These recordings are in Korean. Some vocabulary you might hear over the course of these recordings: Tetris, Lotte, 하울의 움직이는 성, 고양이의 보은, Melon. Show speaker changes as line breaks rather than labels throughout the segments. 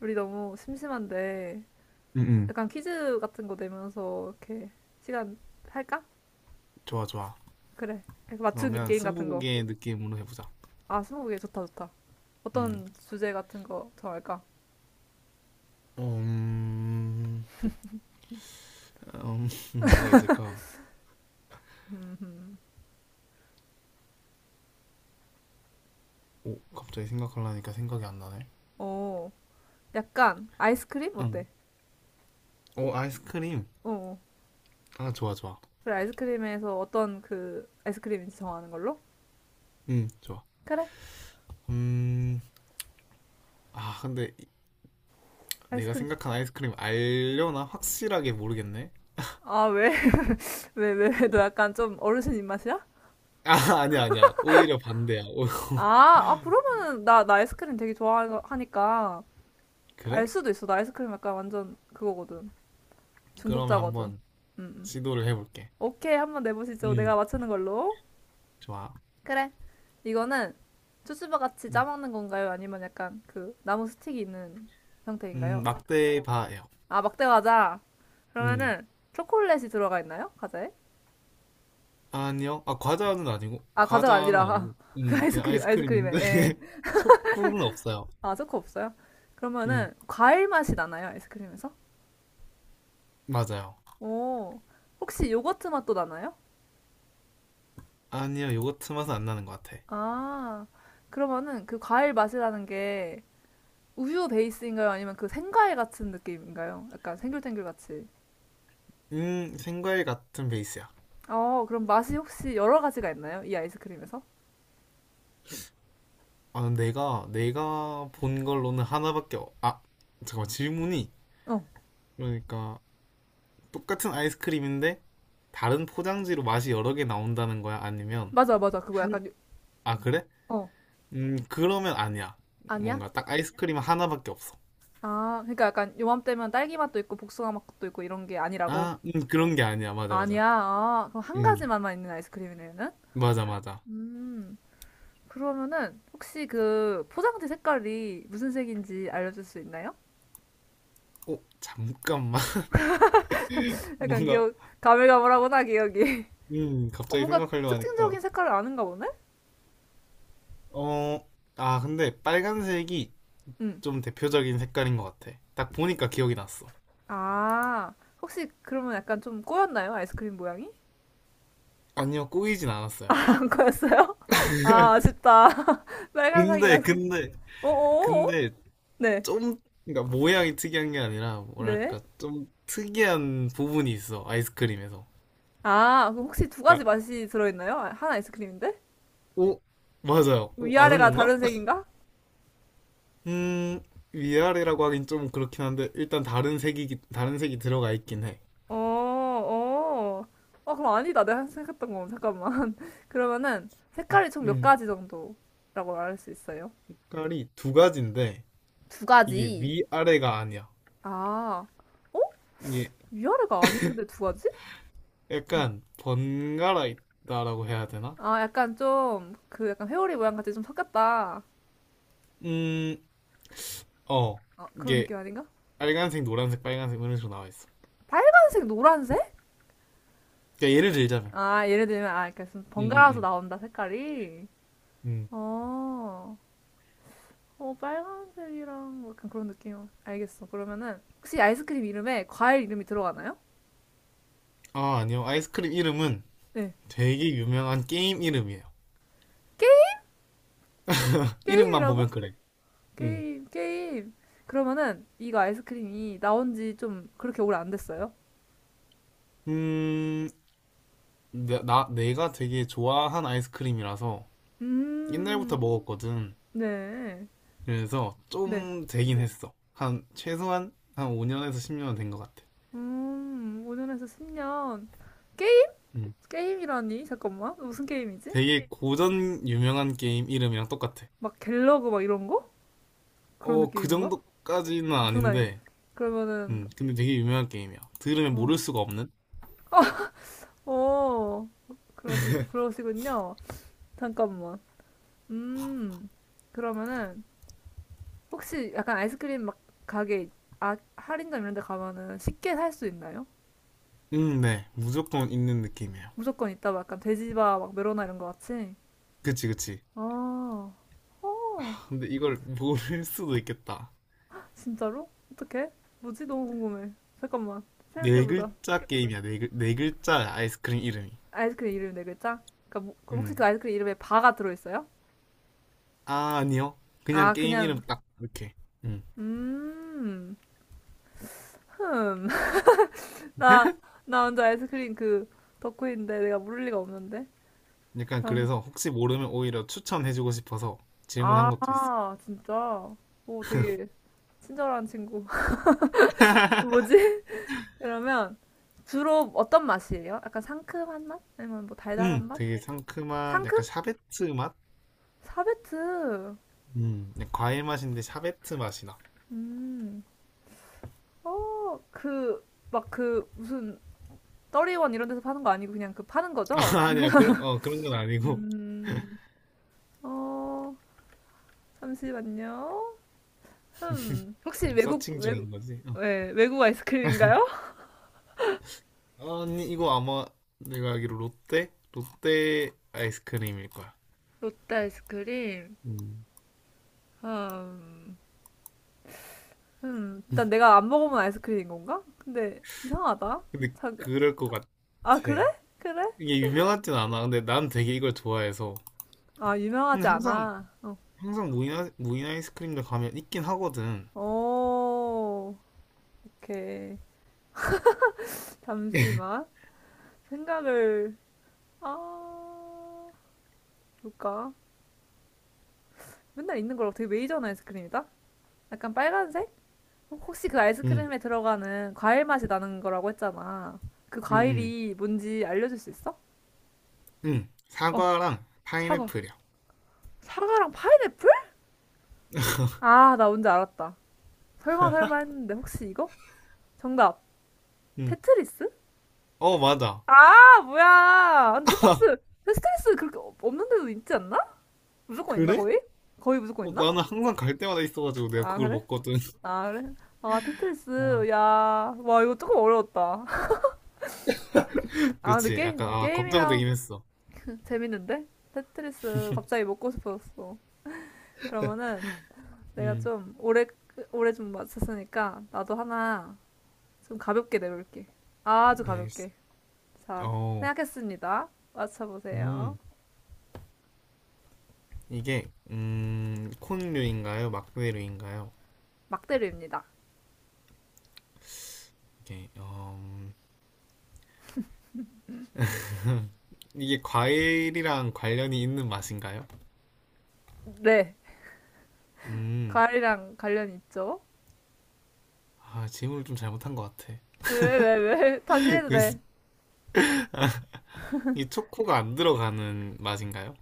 우리 너무 심심한데
응응.
약간 퀴즈 같은 거 내면서 이렇게 시간 할까?
좋아, 좋아.
그래. 약간 맞추기
그러면
게임 같은 거.
스무고개 느낌으로 해보자.
아, 스무고개 좋다, 좋다.
음,
어떤 주제 같은 거 정할까?
어, 음, 음, 뭐가 있을까.
음,
오, 갑자기 생각하려니까 생각이 안 나네.
어, 약간 아이스크림
응.
어때?
오, 아이스크림.
어, 어.
아, 좋아, 좋아.
그래 아이스크림에서 어떤 그 아이스크림인지 정하는 걸로?
응, 좋아.
그래,
음 아, 근데 내가
아이스크림.
생각한 아이스크림 알려나 확실하게 모르겠네.
아, 왜? 왜, 왜? 너 약간 좀 어르신 입맛이야?
아, 아니야, 아니야, 오히려 반대야. 오,
아, 아 그러면은 나 아이스크림 되게 좋아하니까
그래.
알 수도 있어. 나 아이스크림 약간 완전 그거거든.
그러면
중독자거든.
한번
음.
시도를 해볼게.
오케이, 한번 내보시죠.
음
내가 맞추는 걸로.
좋아.
그래. 이거는 쭈쭈바 같이
음,
짜먹는 건가요? 아니면 약간 그 나무 스틱이 있는 형태인가요?
대떼 바예요.
아, 막대 과자.
음
그러면은 초콜릿이 들어가 있나요? 과자에?
아니요. 아, 과자는 아니고,
아, 과자가
과자는
아니라
아니고,
그
그냥
아이스크림, 아이스크림에.
아이스크림인데,
예.
초코는 없어요.
아, 초코 없어요?
음,
그러면은 과일 맛이 나나요? 아이스크림에서?
맞아요.
오. 혹시 요거트 맛도 나나요?
아니요, 요거트 맛은 안 나는 것 같아.
아. 그러면은 그 과일 맛이라는 게 우유 베이스인가요? 아니면 그 생과일 같은 느낌인가요? 약간 생귤탱귤 같이.
생과일 같은 베이스야.
어, 그럼 맛이 혹시 여러 가지가 있나요? 이 아이스크림에서?
아, 내가 본 걸로는 하나밖에, 아, 잠깐만, 질문이.
어,
그러니까, 똑같은 아이스크림인데, 다른 포장지로 맛이 여러 개 나온다는 거야? 아니면,
맞아, 맞아.
한, 아, 그래?
어,
그러면 아니야.
아니야?
뭔가 딱 아이스크림 하나밖에 없어.
아, 그러니까 약간 요맘때면 딸기 맛도 있고 복숭아 맛도 있고 이런 게 아니라고?
아, 그런 게 아니야. 맞아, 맞아.
아니야. 아, 그럼 한 가지
음.
맛만 있는 아이스크림이네, 는
맞아, 맞아.
음, 그러면은 혹시 그 포장지 색깔이 무슨 색인지 알려줄 수 있나요?
어, 잠깐만.
약간
뭔가,
기억, 가물가물하구나, 기억이. 어,
갑자기
뭔가
생각하려고 하니까.
특징적인 색깔을 아는가 보네?
어, 아, 근데 빨간색이
응.
좀 대표적인 색깔인 것 같아. 딱 보니까 기억이 났어.
아, 혹시 그러면 약간 좀 꼬였나요? 아이스크림 모양이?
아니요, 꼬이진 않았어요.
안 꼬였어요? 아, 아쉽다.
근데,
빨간색이라서.
근데,
어어어?
근데,
네,
좀, 그러니까 모양이 특이한 게 아니라,
네.
뭐랄까, 좀 특이한 부분이 있어, 아이스크림에서.
아, 그럼 혹시 두
야,
가지 맛이 들어있나요? 아, 한 아이스크림인데?
오, 맞아요.
뭐
오, 아는
위아래가
건가?
다른 색인가?
음, 위아래라고 하긴 좀 그렇긴 한데, 일단 다른 색이 들어가 있긴 해.
어, 어. 아, 그럼 아니다. 내가 생각했던 건. 잠깐만. 그러면은 색깔이 총 몇
음.
가지 정도라고 말할 수 있어요?
색깔이 두 가지인데
두
이게
가지.
위아래가 아니야.
아, 어?
이게
위아래가 아닌데 두 가지?
약간 번갈아 있다라고 해야 되나?
아, 약간 좀, 그 약간 회오리 모양 같이 좀 섞였다.
음, 어.
어, 그런
이게
느낌 아닌가?
빨간색, 노란색, 빨간색 이런 식으로 나와 있어.
빨간색, 노란색?
그러니까 예를 들자면
아, 예를 들면, 아, 이렇게 좀
음,
번갈아서
음,
나온다, 색깔이.
음.
어, 어, 빨간색이랑 뭐 약간 그런 느낌. 알겠어. 그러면은, 혹시 아이스크림 이름에 과일 이름이 들어가나요?
아, 아니요. 아이스크림 이름은
네.
되게 유명한 게임 이름이에요.
게임,
이름만
게임이라고?
보면 그래. 음.
게임, 게임. 그러면은, 이거 아이스크림이 나온 지 좀 그렇게 오래 안 됐어요?
음, 내가 되게 좋아한 아이스크림이라서 옛날부터
음,
먹었거든.
네.
그래서
네.
좀 되긴 했어. 한 최소한 한 5년에서 10년은 된 것 같아.
5년에서 10년. 게임
음.
게임이라니? 잠깐만. 무슨 게임이지?
되게 고전 유명한 게임 이름이랑 똑같아.
막 갤러그 막 이런 거? 그런
어, 그
느낌인가?
정도까지는
그건 아니고.
아닌데,
그러면은,
근데 되게 유명한 게임이야. 들으면
어,
모를 수가 없는?
어, 그러시군요. 잠깐만. 음, 그러면은, 혹시 약간 아이스크림 막 가게, 아, 할인점 이런 데 가면은 쉽게 살 수 있나요?
네. 무조건 있는 느낌이에요.
무조건 있다, 막 약간 돼지바, 막 메로나 이런 거 같이?
그치, 그치.
아, 어,
근데 이걸 모를 수도 있겠다.
진짜로? 어떡해? 뭐지? 너무 궁금해. 잠깐만.
네
생각해보자.
글자 게임이야, 네 글자 아이스크림 이름이.
아이스크림 이름 네 글자? 그 혹시
음,
그 아이스크림 이름에 바가 들어있어요?
아, 아니요. 그냥
아
게임 이름
그냥
딱, 이렇게. 음.
음, 흠. 나, 나 혼자 아이스크림 그 덕후인데 내가 모를 리가 없는데.
약간
잠깐.
그래서 혹시 모르면 오히려 추천해주고 싶어서 질문한 것도 있어.
아 진짜. 오 되게 친절한 친구. 뭐지? 그러면 주로 어떤 맛이에요? 약간 상큼한 맛? 아니면 뭐 달달한 맛?
되게 상큼한, 약간
상큼?
샤베트 맛?
사베트.
그냥 과일 맛인데 샤베트 맛이 나.
음. 어, 그, 막 그, 무슨, 떠리원 이런 데서 파는 거 아니고 그냥 그 파는 거죠?
아, 니야 그런 건 아니고.
음, 어, 잠시만요. 흠. 혹시
지금 서칭 중인 거지.
왜, 외국 아이스크림인가요?
어. 아니, 이거 아마 내가 알기로 롯데? 롯데 아이스크림일 거야.
롯데 아이스크림?
음.
음, 일단 내가 안 먹어본 아이스크림인 건가? 근데 이상하다.
근데
잠깐.
그럴 것 같아.
아, 그래? 그래?
이게 유명하진 않아. 근데 난 되게 이걸 좋아해서.
아,
근데
유명하지
항상,
않아. 어.
항상 무인 아이스크림들 가면 있긴 하거든.
오, 오케이. 잠시만. 생각을, 아, 볼까? 맨날 있는 거랑 되게 메이저한 아이스크림이다? 약간 빨간색? 혹시 그
응, 응,
아이스크림에 들어가는 과일 맛이 나는 거라고 했잖아. 그
응,
과일이 뭔지 알려줄 수 있어?
응.
어,
사과랑
사과.
파인애플이야.
사과랑 파인애플? 아, 나 뭔지 알았다. 설마 설마 했는데 혹시 이거? 정답.
응.
테트리스?
어, 맞아.
아, 뭐야. 아니, 테트리스, 테트리스 그렇게 없는 데도 있지 않나? 무조건 있나,
그래?
거의? 거의 무조건
어,
있나?
나는 항상 갈 때마다 있어가지고 내가
아,
그걸
그래?
먹거든.
아, 그래? 아,
아.
테트리스. 야, 와, 이거 조금 어려웠다. 아, 근데
그치. 약간,
게임,
아,
게임이라
걱정되긴 했어.
재밌는데? 테트리스 갑자기 먹고 싶어졌어. 그러면은 내가
음.
좀 오래 좀 맞췄으니까 나도 하나 좀 가볍게 내볼게. 아주
알겠어.
가볍게. 자,
어,
생각했습니다. 맞춰보세요.
음. 이게, 콘류인가요? 막대류인가요?
막대류입니다.
이게, 어, 음. 이게 과일이랑 관련이 있는 맛인가요?
네.
음.
과일이랑 관련이 있죠?
아, 질문을 좀 잘못한 것 같아.
왜, 왜, 왜? 다시 해도
그,
돼.
이 초코가 안 들어가는 맛인가요?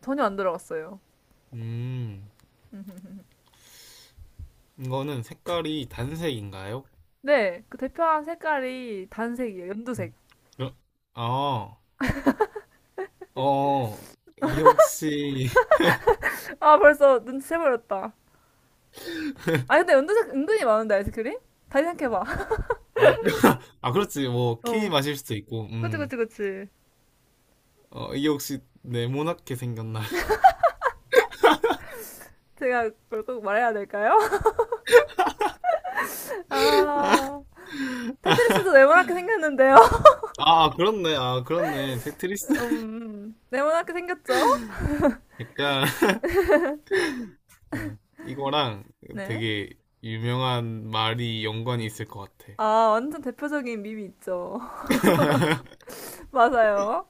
전혀 안 들어갔어요.
음. 이거는 색깔이 단색인가요?
네, 그 대표한 색깔이 단색이에요. 연두색.
음. 어, 아. 어, 이게 혹시,
아, 벌써 눈치채버렸다. 아, 근데 연두색 은근히 많은데, 아이스크림? 다시 생각해봐.
아, 아, 그렇지, 뭐, 키위
어.
마실 수도 있고,
그치, 그치, 그치.
어, 이게 혹시 네모나게 생겼나?
제가 그걸 꼭 말해야 될까요? 아, 테트리스도 네모나게 생겼는데요.
아, 그렇네, 아, 그렇네. 테트리스?
네모나게 생겼죠?
약간, 예. 이거랑
네.
되게 유명한 말이 연관이 있을 것 같아.
아, 완전 대표적인 밈이 있죠. 맞아요.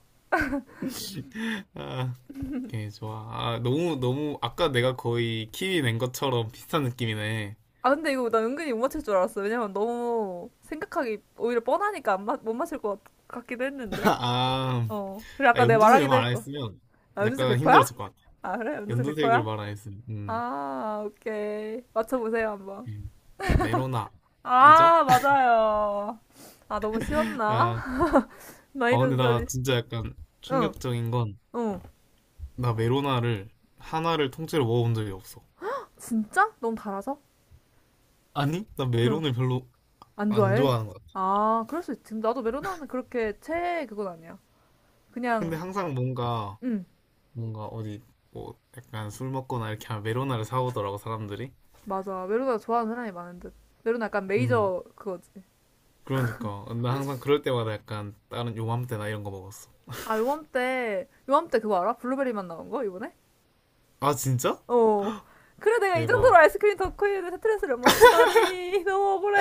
아, 오케이, 좋아. 아, 너무, 너무, 아까 내가 거의 키위 낸 것처럼 비슷한 느낌이네.
아, 근데 이거 나 은근히 못 맞힐 줄 알았어. 왜냐면 너무 생각하기 오히려 뻔하니까 안 맞, 못 맞힐 것 기도 했는데.
아,
어. 그래,
아,
아까 내가
연두색을
말하기도
말 안
했고.
했으면
아, 연두색
약간
백퍼야?
힘들었을 것 같아.
아, 그래? 연두색
연두색을
백퍼야?
말 안 했으면,
아, 오케이. 맞춰보세요, 한번.
메로나이죠?
아, 맞아요. 아, 너무 쉬웠나?
아,
많이
아, 근데
듣
나
소리.
진짜 약간
응,
충격적인 건
응.
나 메로나를 하나를 통째로 먹어본 적이 없어.
진짜? 너무 달아서?
아니? 나
그럼
메론을 별로
안
안
좋아해?
좋아하는 것 같아.
아, 그럴 수 있지. 나도 메로나는 그렇게 최애 그건 아니야.
근데
그냥,
항상 뭔가
응,
뭔가 어디 뭐 약간 술 먹거나 이렇게 하면 메로나를 사오더라고 사람들이.
맞아. 메로나 좋아하는 사람이 많은 듯. 메로나 약간
음.
메이저 그거지.
그러니까 나 항상 그럴 때마다 약간 다른 요맘때나 이런 거 먹었어.
아, 요맘때, 요맘때 그거 알아? 블루베리 맛 나온 거? 이번에?
아, 진짜?
어. 그래, 내가 이 정도로
대박.
아이스크림 덕후인데 스트레스를 못 맞추다니. 너무 억울해.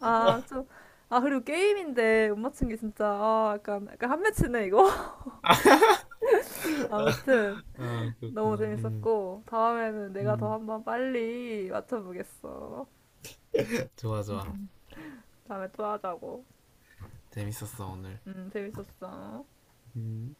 아, 좀, 아, 그리고 게임인데 못 맞춘 게 진짜, 아, 약간, 약간 한 매치네, 이거? 아무튼,
아,
너무
그렇구나. 음.
재밌었고, 다음에는 내가 더
음.
한번 빨리 맞춰보겠어.
좋아, 좋아.
다음에 또 하자고.
재밌었어 오늘.
재밌었어.
음.